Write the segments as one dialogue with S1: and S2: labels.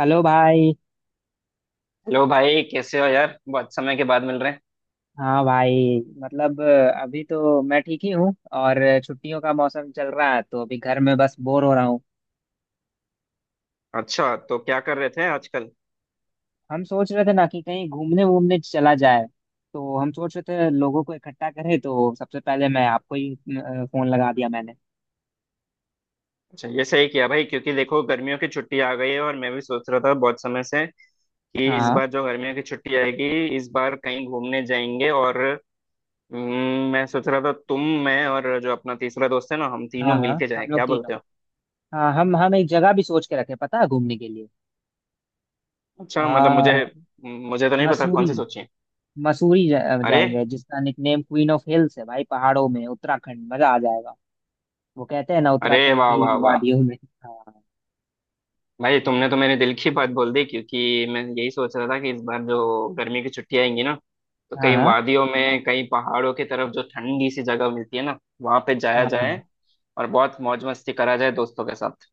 S1: Hello भाई।
S2: Hello भाई, कैसे हो यार? बहुत समय के बाद मिल रहे हैं।
S1: हाँ भाई, मतलब अभी तो मैं ठीक ही हूँ। और छुट्टियों का मौसम चल रहा है तो अभी घर में बस बोर हो रहा हूँ।
S2: अच्छा, तो क्या कर रहे थे आजकल?
S1: हम सोच रहे थे ना कि कहीं घूमने वूमने चला जाए। तो हम सोच रहे थे लोगों को इकट्ठा करें तो सबसे पहले मैं आपको ही फोन लगा दिया मैंने।
S2: अच्छा, ये सही किया भाई, क्योंकि देखो गर्मियों की छुट्टी आ गई है। और मैं भी सोच रहा था बहुत समय से कि इस
S1: हाँ
S2: बार जो गर्मियों की छुट्टी आएगी, इस बार कहीं घूमने जाएंगे। और मैं सोच रहा था तुम, मैं और जो अपना तीसरा दोस्त है ना, हम तीनों
S1: हाँ हाँ हाँ,
S2: मिलके जाएं।
S1: हम लोग
S2: क्या
S1: तीनों।
S2: बोलते हो?
S1: हाँ, हम एक जगह भी सोच के रखे, पता है घूमने के लिए।
S2: अच्छा, मतलब
S1: आ,
S2: मुझे मुझे तो नहीं पता
S1: मसूरी।
S2: कौन सी सोची है।
S1: मसूरी
S2: अरे!
S1: जाएंगे, जिसका निकनेम क्वीन ऑफ हिल्स है भाई। पहाड़ों में उत्तराखंड, मजा आ जाएगा। वो कहते हैं ना
S2: अरे
S1: उत्तराखंड
S2: वाह
S1: की
S2: वाह वाह!
S1: वादियों में। हाँ
S2: भाई, तुमने तो मेरे दिल की बात बोल दी, क्योंकि मैं यही सोच रहा था कि इस बार जो गर्मी की छुट्टियां आएंगी ना, तो कहीं
S1: हाँ
S2: वादियों में, कहीं पहाड़ों की तरफ जो ठंडी सी जगह मिलती है ना, वहां पे जाया
S1: हाँ
S2: जाए
S1: हाँ।
S2: और बहुत मौज मस्ती करा जाए दोस्तों के साथ।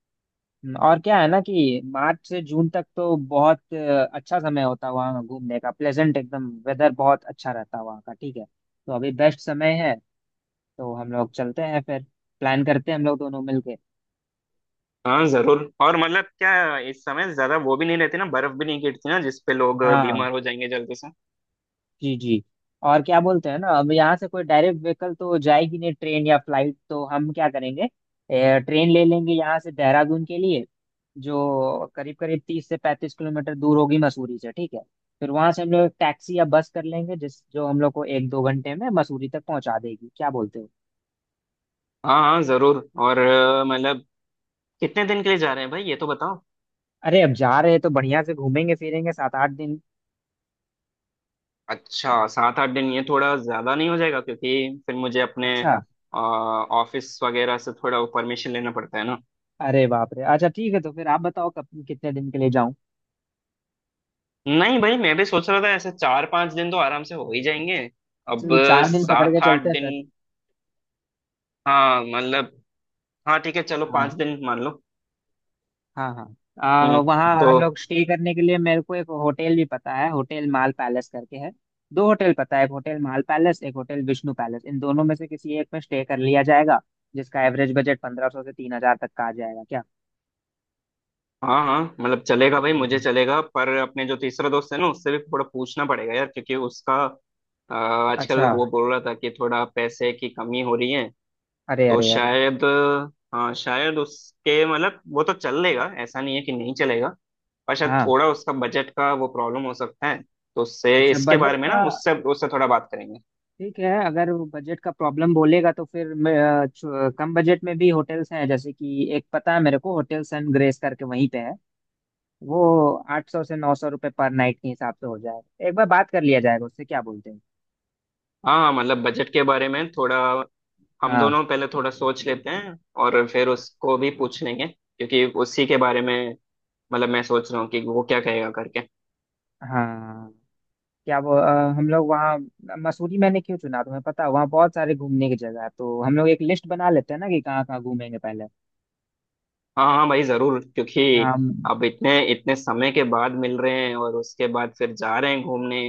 S1: और क्या है ना कि मार्च से जून तक तो बहुत अच्छा समय होता है वहाँ घूमने का। प्लेजेंट एकदम, वेदर बहुत अच्छा रहता है वहाँ का। ठीक है, तो अभी बेस्ट समय है। तो हम लोग चलते हैं फिर। प्लान करते हैं हम लोग दोनों मिलके।
S2: हाँ जरूर। और मतलब क्या, इस समय ज्यादा वो भी नहीं रहती ना, बर्फ भी नहीं गिरती ना, जिसपे लोग
S1: हाँ,
S2: बीमार हो जाएंगे जल्दी से।
S1: जी जी। और क्या बोलते हैं ना, अब यहाँ से कोई डायरेक्ट व्हीकल तो जाएगी नहीं, ट्रेन या फ्लाइट, तो हम क्या करेंगे? ट्रेन ले लेंगे यहाँ से देहरादून के लिए, जो करीब करीब 30 से 35 किलोमीटर दूर होगी मसूरी से। ठीक है, फिर वहां से हम लोग एक टैक्सी या बस कर लेंगे, जिस जो हम लोग को एक दो घंटे में मसूरी तक पहुंचा देगी। क्या बोलते हो?
S2: हाँ हाँ जरूर। और मतलब कितने दिन के लिए जा रहे हैं भाई, ये तो बताओ।
S1: अरे, अब जा रहे हैं तो बढ़िया से घूमेंगे फिरेंगे, 7 8 दिन।
S2: अच्छा, सात आठ दिन ये थोड़ा ज्यादा नहीं हो जाएगा? क्योंकि फिर मुझे अपने
S1: अच्छा।
S2: ऑफिस वगैरह से थोड़ा परमिशन लेना पड़ता है ना।
S1: अरे बाप रे, अच्छा ठीक है, तो फिर आप बताओ कब कितने दिन के लिए जाऊं?
S2: नहीं भाई, मैं भी सोच रहा था ऐसे चार पांच दिन तो आराम से हो ही जाएंगे।
S1: अच्छा,
S2: अब
S1: तो 4 दिन पकड़ के
S2: सात आठ
S1: चलते हैं
S2: दिन।
S1: फिर।
S2: हाँ मतलब, हाँ ठीक है, चलो
S1: हाँ
S2: पांच दिन मान लो।
S1: हाँ हाँ।
S2: हम्म।
S1: वहाँ
S2: तो
S1: हम लोग स्टे करने के लिए मेरे को एक होटल भी पता है, होटल माल पैलेस करके है। दो होटल पता है, एक होटल माल पैलेस, एक होटल विष्णु पैलेस, इन दोनों में से किसी एक में स्टे कर लिया जाएगा। जिसका एवरेज बजट 1500 से 3000 तक का आ जाएगा, क्या?
S2: हाँ हाँ, मतलब चलेगा भाई, मुझे
S1: हम्म।
S2: चलेगा। पर अपने जो तीसरा दोस्त है ना, उससे भी थोड़ा पूछना पड़ेगा यार, क्योंकि उसका आजकल
S1: अच्छा।
S2: वो बोल रहा था कि थोड़ा पैसे की कमी हो रही है।
S1: अरे
S2: तो
S1: अरे अरे।
S2: शायद, हाँ शायद उसके, मतलब वो तो चल लेगा, ऐसा नहीं है कि नहीं चलेगा, पर शायद
S1: हाँ।
S2: थोड़ा उसका बजट का वो प्रॉब्लम हो सकता है। तो उससे
S1: अच्छा,
S2: इसके
S1: बजट
S2: बारे में ना,
S1: का।
S2: उससे उससे थोड़ा बात करेंगे।
S1: ठीक है, अगर बजट का प्रॉब्लम बोलेगा तो फिर कम बजट में भी होटल्स हैं, जैसे कि एक पता है मेरे को, होटल सन ग्रेस करके, वहीं पे है वो। 800 से 900 रुपये पर नाइट के हिसाब से हो जाएगा। एक बार बात कर लिया जाएगा उससे, क्या बोलते हैं?
S2: हाँ हाँ, मतलब बजट के बारे में थोड़ा हम
S1: हाँ
S2: दोनों पहले थोड़ा सोच लेते हैं और फिर उसको भी पूछ लेंगे, क्योंकि उसी के बारे में मतलब मैं सोच रहा हूँ कि वो क्या कहेगा करके।
S1: हाँ। क्या वो हम लोग वहाँ मसूरी मैंने क्यों चुना तुम्हें पता है, वहाँ बहुत सारे घूमने की जगह है। तो हम लोग एक लिस्ट बना लेते हैं ना कि कहाँ कहाँ घूमेंगे पहले।
S2: हाँ हाँ भाई जरूर, क्योंकि
S1: हाँ
S2: अब इतने इतने समय के बाद मिल रहे हैं और उसके बाद फिर जा रहे हैं घूमने।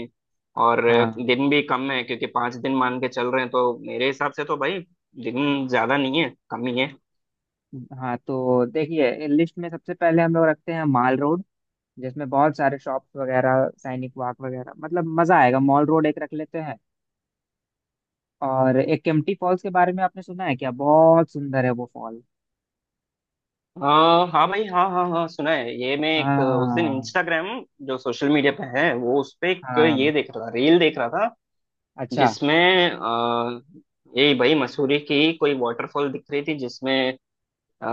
S2: और
S1: हाँ
S2: दिन भी कम है, क्योंकि पांच दिन मान के चल रहे हैं, तो मेरे हिसाब से तो भाई, दिन ज्यादा नहीं है, कम ही है।
S1: हाँ। तो देखिए, लिस्ट में सबसे पहले हम लोग रखते हैं माल रोड, जिसमें बहुत सारे शॉप्स वगैरह, सैनिक वाक वगैरह, मतलब मजा आएगा। मॉल रोड एक रख लेते हैं। और एक केम्प्टी फॉल्स के बारे में आपने सुना है क्या? बहुत सुंदर है वो फॉल।
S2: हाँ भाई, हाँ हाँ हाँ, सुना है। ये मैं एक उस दिन
S1: हाँ
S2: इंस्टाग्राम, जो सोशल मीडिया पे है, वो उस पे एक ये
S1: हाँ।
S2: देख रहा था, रील देख रहा था,
S1: अच्छा।
S2: जिसमें यही भाई मसूरी की कोई वाटरफॉल दिख रही थी, जिसमें अ,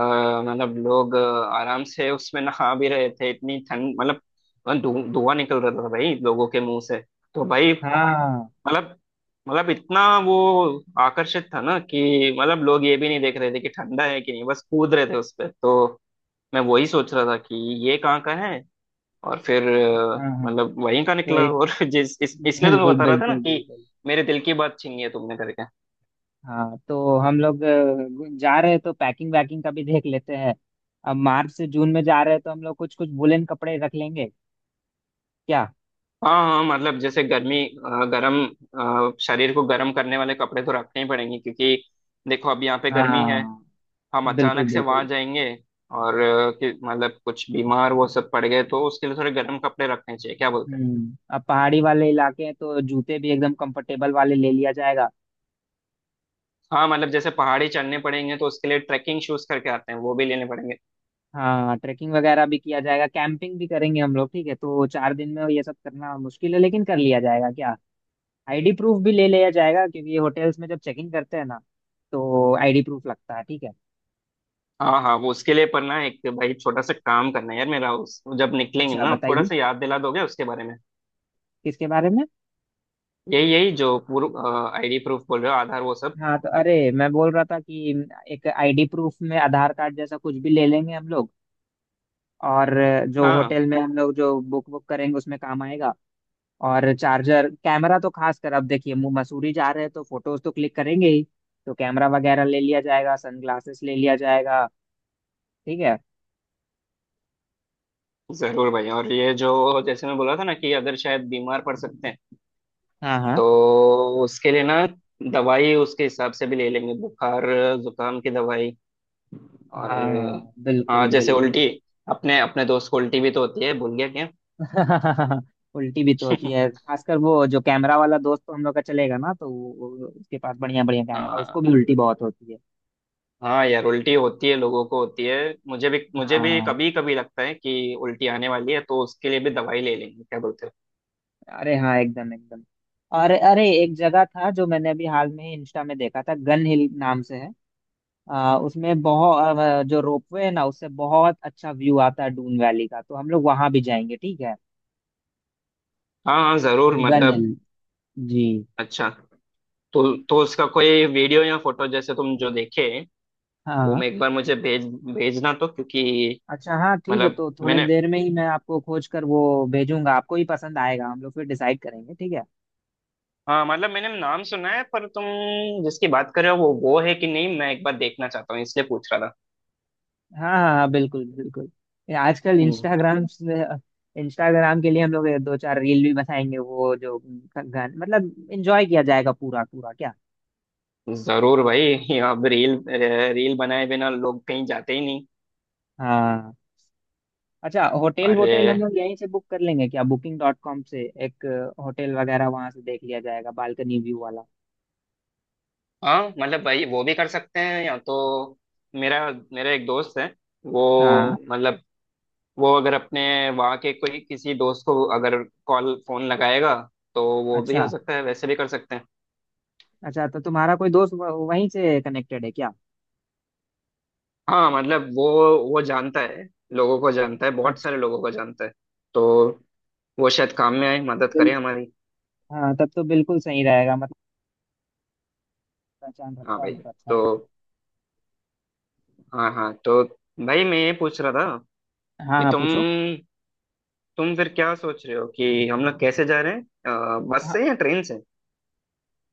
S2: मतलब लोग आराम से उसमें नहा भी रहे थे। इतनी ठंड मतलब, धुआं निकल रहा था भाई लोगों के मुंह से। तो भाई,
S1: हाँ
S2: मतलब मतलब इतना वो आकर्षित था ना, कि मतलब लोग ये भी नहीं देख रहे थे कि ठंडा है कि नहीं, बस कूद रहे थे उस पे। तो मैं वही सोच रहा था कि ये कहाँ का है, और फिर
S1: हाँ हाँ।
S2: मतलब वहीं का
S1: तो
S2: निकला।
S1: एक
S2: और इसलिए तो मैं
S1: बिल्कुल
S2: बता रहा था ना
S1: बिल्कुल
S2: कि
S1: बिल्कुल।
S2: मेरे दिल की बात छीनी है तुमने करके।
S1: हाँ, तो हम लोग जा रहे हैं तो पैकिंग वैकिंग का भी देख लेते हैं। अब मार्च से जून में जा रहे हैं तो हम लोग कुछ कुछ वुलन कपड़े रख लेंगे, क्या?
S2: हाँ हाँ, मतलब जैसे गर्मी अ, गरम अ, शरीर को गर्म करने वाले कपड़े तो रखने ही पड़ेंगे, क्योंकि देखो अब यहाँ पे गर्मी है।
S1: हाँ,
S2: हम
S1: बिल्कुल
S2: अचानक से
S1: बिल्कुल।
S2: वहां जाएंगे और मतलब कुछ बीमार वो सब पड़ गए, तो उसके लिए थोड़े गर्म कपड़े रखने चाहिए। क्या बोलते हैं?
S1: अब पहाड़ी वाले इलाके हैं तो जूते भी एकदम कंफर्टेबल वाले ले लिया जाएगा।
S2: हाँ मतलब, जैसे पहाड़ी चढ़ने पड़ेंगे, तो उसके लिए ट्रैकिंग शूज करके आते हैं, वो भी लेने पड़ेंगे।
S1: हाँ, ट्रैकिंग वगैरह भी किया जाएगा, कैंपिंग भी करेंगे हम लोग। ठीक है, तो 4 दिन में ये सब करना मुश्किल है, लेकिन कर लिया जाएगा, क्या? आईडी प्रूफ भी ले लिया जाएगा क्योंकि ये होटल्स में जब चेकिंग करते हैं ना, तो आईडी प्रूफ लगता है, ठीक है।
S2: हाँ हाँ, वो उसके लिए। पर ना, एक भाई छोटा सा काम करना है यार मेरा, उस जब निकलेंगे
S1: अच्छा,
S2: ना, थोड़ा
S1: बताइए।
S2: सा याद दिला दोगे उसके बारे में।
S1: किसके बारे में?
S2: यही यही, जो पूर्व आईडी प्रूफ बोल रहे हो, आधार वो सब।
S1: हाँ, तो अरे मैं बोल रहा था कि एक आईडी प्रूफ में आधार कार्ड जैसा कुछ भी ले लेंगे हम लोग। और जो
S2: हाँ
S1: होटल में हम लोग जो बुक बुक करेंगे उसमें काम आएगा। और चार्जर, कैमरा तो खास कर, अब देखिए मसूरी जा रहे हैं तो फोटोज तो क्लिक करेंगे ही। तो कैमरा वगैरह ले लिया जाएगा, सनग्लासेस ले लिया जाएगा। ठीक है।
S2: जरूर भाई। और ये जो, जैसे मैं बोला था ना कि अगर शायद बीमार पड़ सकते हैं,
S1: हाँ हाँ
S2: तो उसके लिए ना दवाई उसके हिसाब से भी ले लेंगे। बुखार जुकाम की दवाई। और
S1: हाँ, बिल्कुल
S2: हाँ, जैसे
S1: बिल्कुल।
S2: उल्टी, अपने अपने दोस्त को उल्टी भी तो होती है, भूल गया क्या?
S1: उल्टी भी तो होती है, खासकर वो जो कैमरा वाला दोस्त तो हम लोग का चलेगा ना, तो उसके पास बढ़िया बढ़िया कैमरा, उसको भी
S2: हाँ
S1: उल्टी बहुत होती है।
S2: हाँ यार, उल्टी होती है, लोगों को होती है। मुझे भी, मुझे भी
S1: हाँ
S2: कभी कभी लगता है कि उल्टी आने वाली है, तो उसके लिए भी दवाई ले लेंगे। क्या बोलते हो?
S1: अरे हाँ, एकदम एकदम। और अरे एक जगह था जो मैंने अभी हाल में ही इंस्टा में देखा था, गन हिल नाम से है। उसमें बहुत जो रोपवे है ना, उससे बहुत अच्छा व्यू आता है डून वैली का। तो हम लोग वहां भी जाएंगे, ठीक है।
S2: हाँ हाँ जरूर
S1: गन
S2: मतलब।
S1: हिल। जी।
S2: अच्छा, तो उसका कोई वीडियो या फोटो जैसे तुम जो देखे, वो
S1: हाँ।
S2: मैं एक बार, मुझे भेजना तो, क्योंकि
S1: अच्छा हाँ ठीक है,
S2: मतलब
S1: तो थोड़े
S2: मैंने,
S1: देर में ही मैं आपको खोज कर वो भेजूंगा, आपको ही पसंद आएगा, हम लोग फिर डिसाइड करेंगे, ठीक है।
S2: हाँ मतलब मैंने नाम सुना है पर तुम जिसकी बात कर रहे हो, वो है कि नहीं, मैं एक बार देखना चाहता हूँ, इसलिए पूछ रहा था।
S1: हाँ हाँ हाँ, बिल्कुल बिल्कुल। ये आजकल
S2: हम्म,
S1: इंस्टाग्राम के लिए हम लोग ये दो चार रील भी बनाएंगे, वो जो गाने, मतलब एंजॉय किया जाएगा पूरा पूरा, क्या?
S2: जरूर भाई। अब रील रील बनाए बिना लोग कहीं जाते ही नहीं।
S1: हाँ। अच्छा, होटल
S2: अरे
S1: वोटेल हम लोग यहीं से बुक कर लेंगे क्या, बुकिंग डॉट कॉम से एक होटल वगैरह? वहां से देख लिया जाएगा बालकनी व्यू वाला।
S2: हाँ, मतलब भाई वो भी कर सकते हैं, या तो मेरा मेरा एक दोस्त है। वो
S1: हाँ,
S2: मतलब, वो अगर अपने वहाँ के कोई किसी दोस्त को अगर कॉल फोन लगाएगा, तो वो भी हो
S1: अच्छा।
S2: सकता है, वैसे भी कर सकते हैं।
S1: अच्छा, तो तुम्हारा कोई दोस्त वहीं से कनेक्टेड है क्या?
S2: हाँ मतलब, वो जानता है, लोगों को जानता है, बहुत
S1: अच्छा।
S2: सारे लोगों को जानता है। तो वो शायद काम में आए, मदद करे हमारी।
S1: हाँ, तब तो बिल्कुल सही रहेगा, मतलब पहचान
S2: हाँ
S1: रखता
S2: भाई।
S1: होने तो अच्छा रहता
S2: तो हाँ हाँ, तो भाई मैं ये पूछ रहा था
S1: है। हाँ
S2: कि
S1: हाँ,
S2: तुम
S1: पूछो।
S2: तुम फिर क्या सोच रहे हो, कि हम लोग कैसे जा रहे हैं, बस
S1: हाँ,
S2: से या ट्रेन से?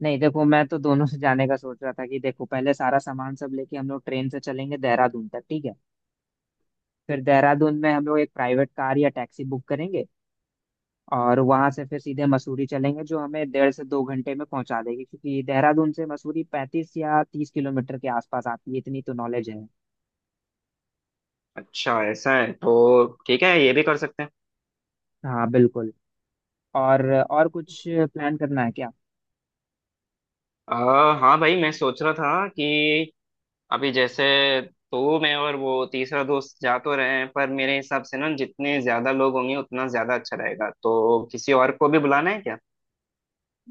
S1: नहीं देखो, मैं तो दोनों से जाने का सोच रहा था कि देखो, पहले सारा सामान सब लेके हम लोग ट्रेन से चलेंगे देहरादून तक, ठीक है। फिर देहरादून में हम लोग एक प्राइवेट कार या टैक्सी बुक करेंगे। और वहां से फिर सीधे मसूरी चलेंगे, जो हमें 1.5 से 2 घंटे में पहुंचा देगी, क्योंकि देहरादून से मसूरी 35 या 30 किलोमीटर के आसपास आती है, इतनी तो नॉलेज है।
S2: अच्छा, ऐसा है तो ठीक है, ये भी कर सकते हैं।
S1: हाँ, बिल्कुल। और कुछ प्लान करना है क्या?
S2: हाँ भाई, मैं सोच रहा था कि अभी जैसे तू, मैं और वो तीसरा दोस्त जा तो रहे हैं, पर मेरे हिसाब से ना जितने ज्यादा लोग होंगे उतना ज्यादा अच्छा रहेगा, तो किसी और को भी बुलाना है क्या?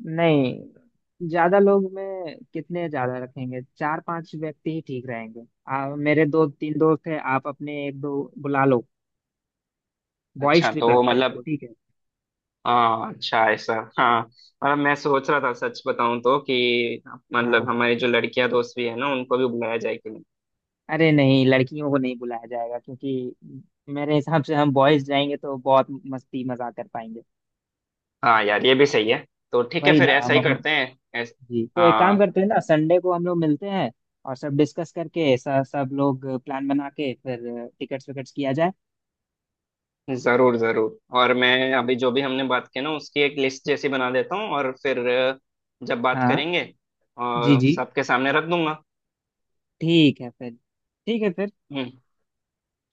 S1: नहीं, ज्यादा लोग में कितने ज्यादा रखेंगे, चार पांच व्यक्ति ही ठीक रहेंगे। मेरे दो तीन दोस्त हैं, आप अपने एक दो बुला लो। बॉयज
S2: अच्छा
S1: ट्रिप
S2: तो
S1: रखते हैं इसको,
S2: मतलब,
S1: ठीक है।
S2: हाँ अच्छा ऐसा, हाँ मतलब, मैं सोच रहा था सच बताऊं तो, कि
S1: हाँ
S2: मतलब हमारी जो लड़कियां दोस्त भी है ना, उनको भी बुलाया जाए कि नहीं?
S1: अरे, नहीं, लड़कियों को नहीं बुलाया जाएगा क्योंकि मेरे हिसाब से हम बॉयज जाएंगे तो बहुत मस्ती मजाक कर पाएंगे।
S2: हाँ यार, ये भी सही है। तो ठीक है
S1: वही
S2: फिर
S1: ना
S2: ऐसा
S1: हम
S2: ही
S1: अपने,
S2: करते हैं।
S1: जी तो एक काम
S2: हाँ
S1: करते हैं ना, संडे को हम लोग मिलते हैं और सब डिस्कस करके सब सब लोग प्लान बना के फिर टिकट्स विकट्स किया जाए।
S2: जरूर जरूर, और मैं अभी जो भी हमने बात की ना, उसकी एक लिस्ट जैसी बना देता हूँ और फिर जब बात
S1: हाँ,
S2: करेंगे
S1: जी
S2: और
S1: जी।
S2: सबके सामने रख दूंगा।
S1: ठीक है फिर, ठीक है फिर।
S2: हम्म।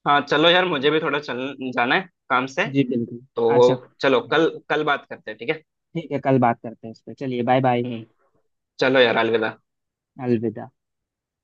S2: हाँ चलो यार, मुझे भी थोड़ा चल जाना है काम से।
S1: जी, बिल्कुल। अच्छा
S2: तो चलो,
S1: ठीक है,
S2: कल कल बात करते हैं, ठीक है?
S1: ठीक है, कल बात करते हैं इस पे। चलिए, बाय बाय।
S2: हम्म। चलो यार, अलविदा।
S1: अलविदा।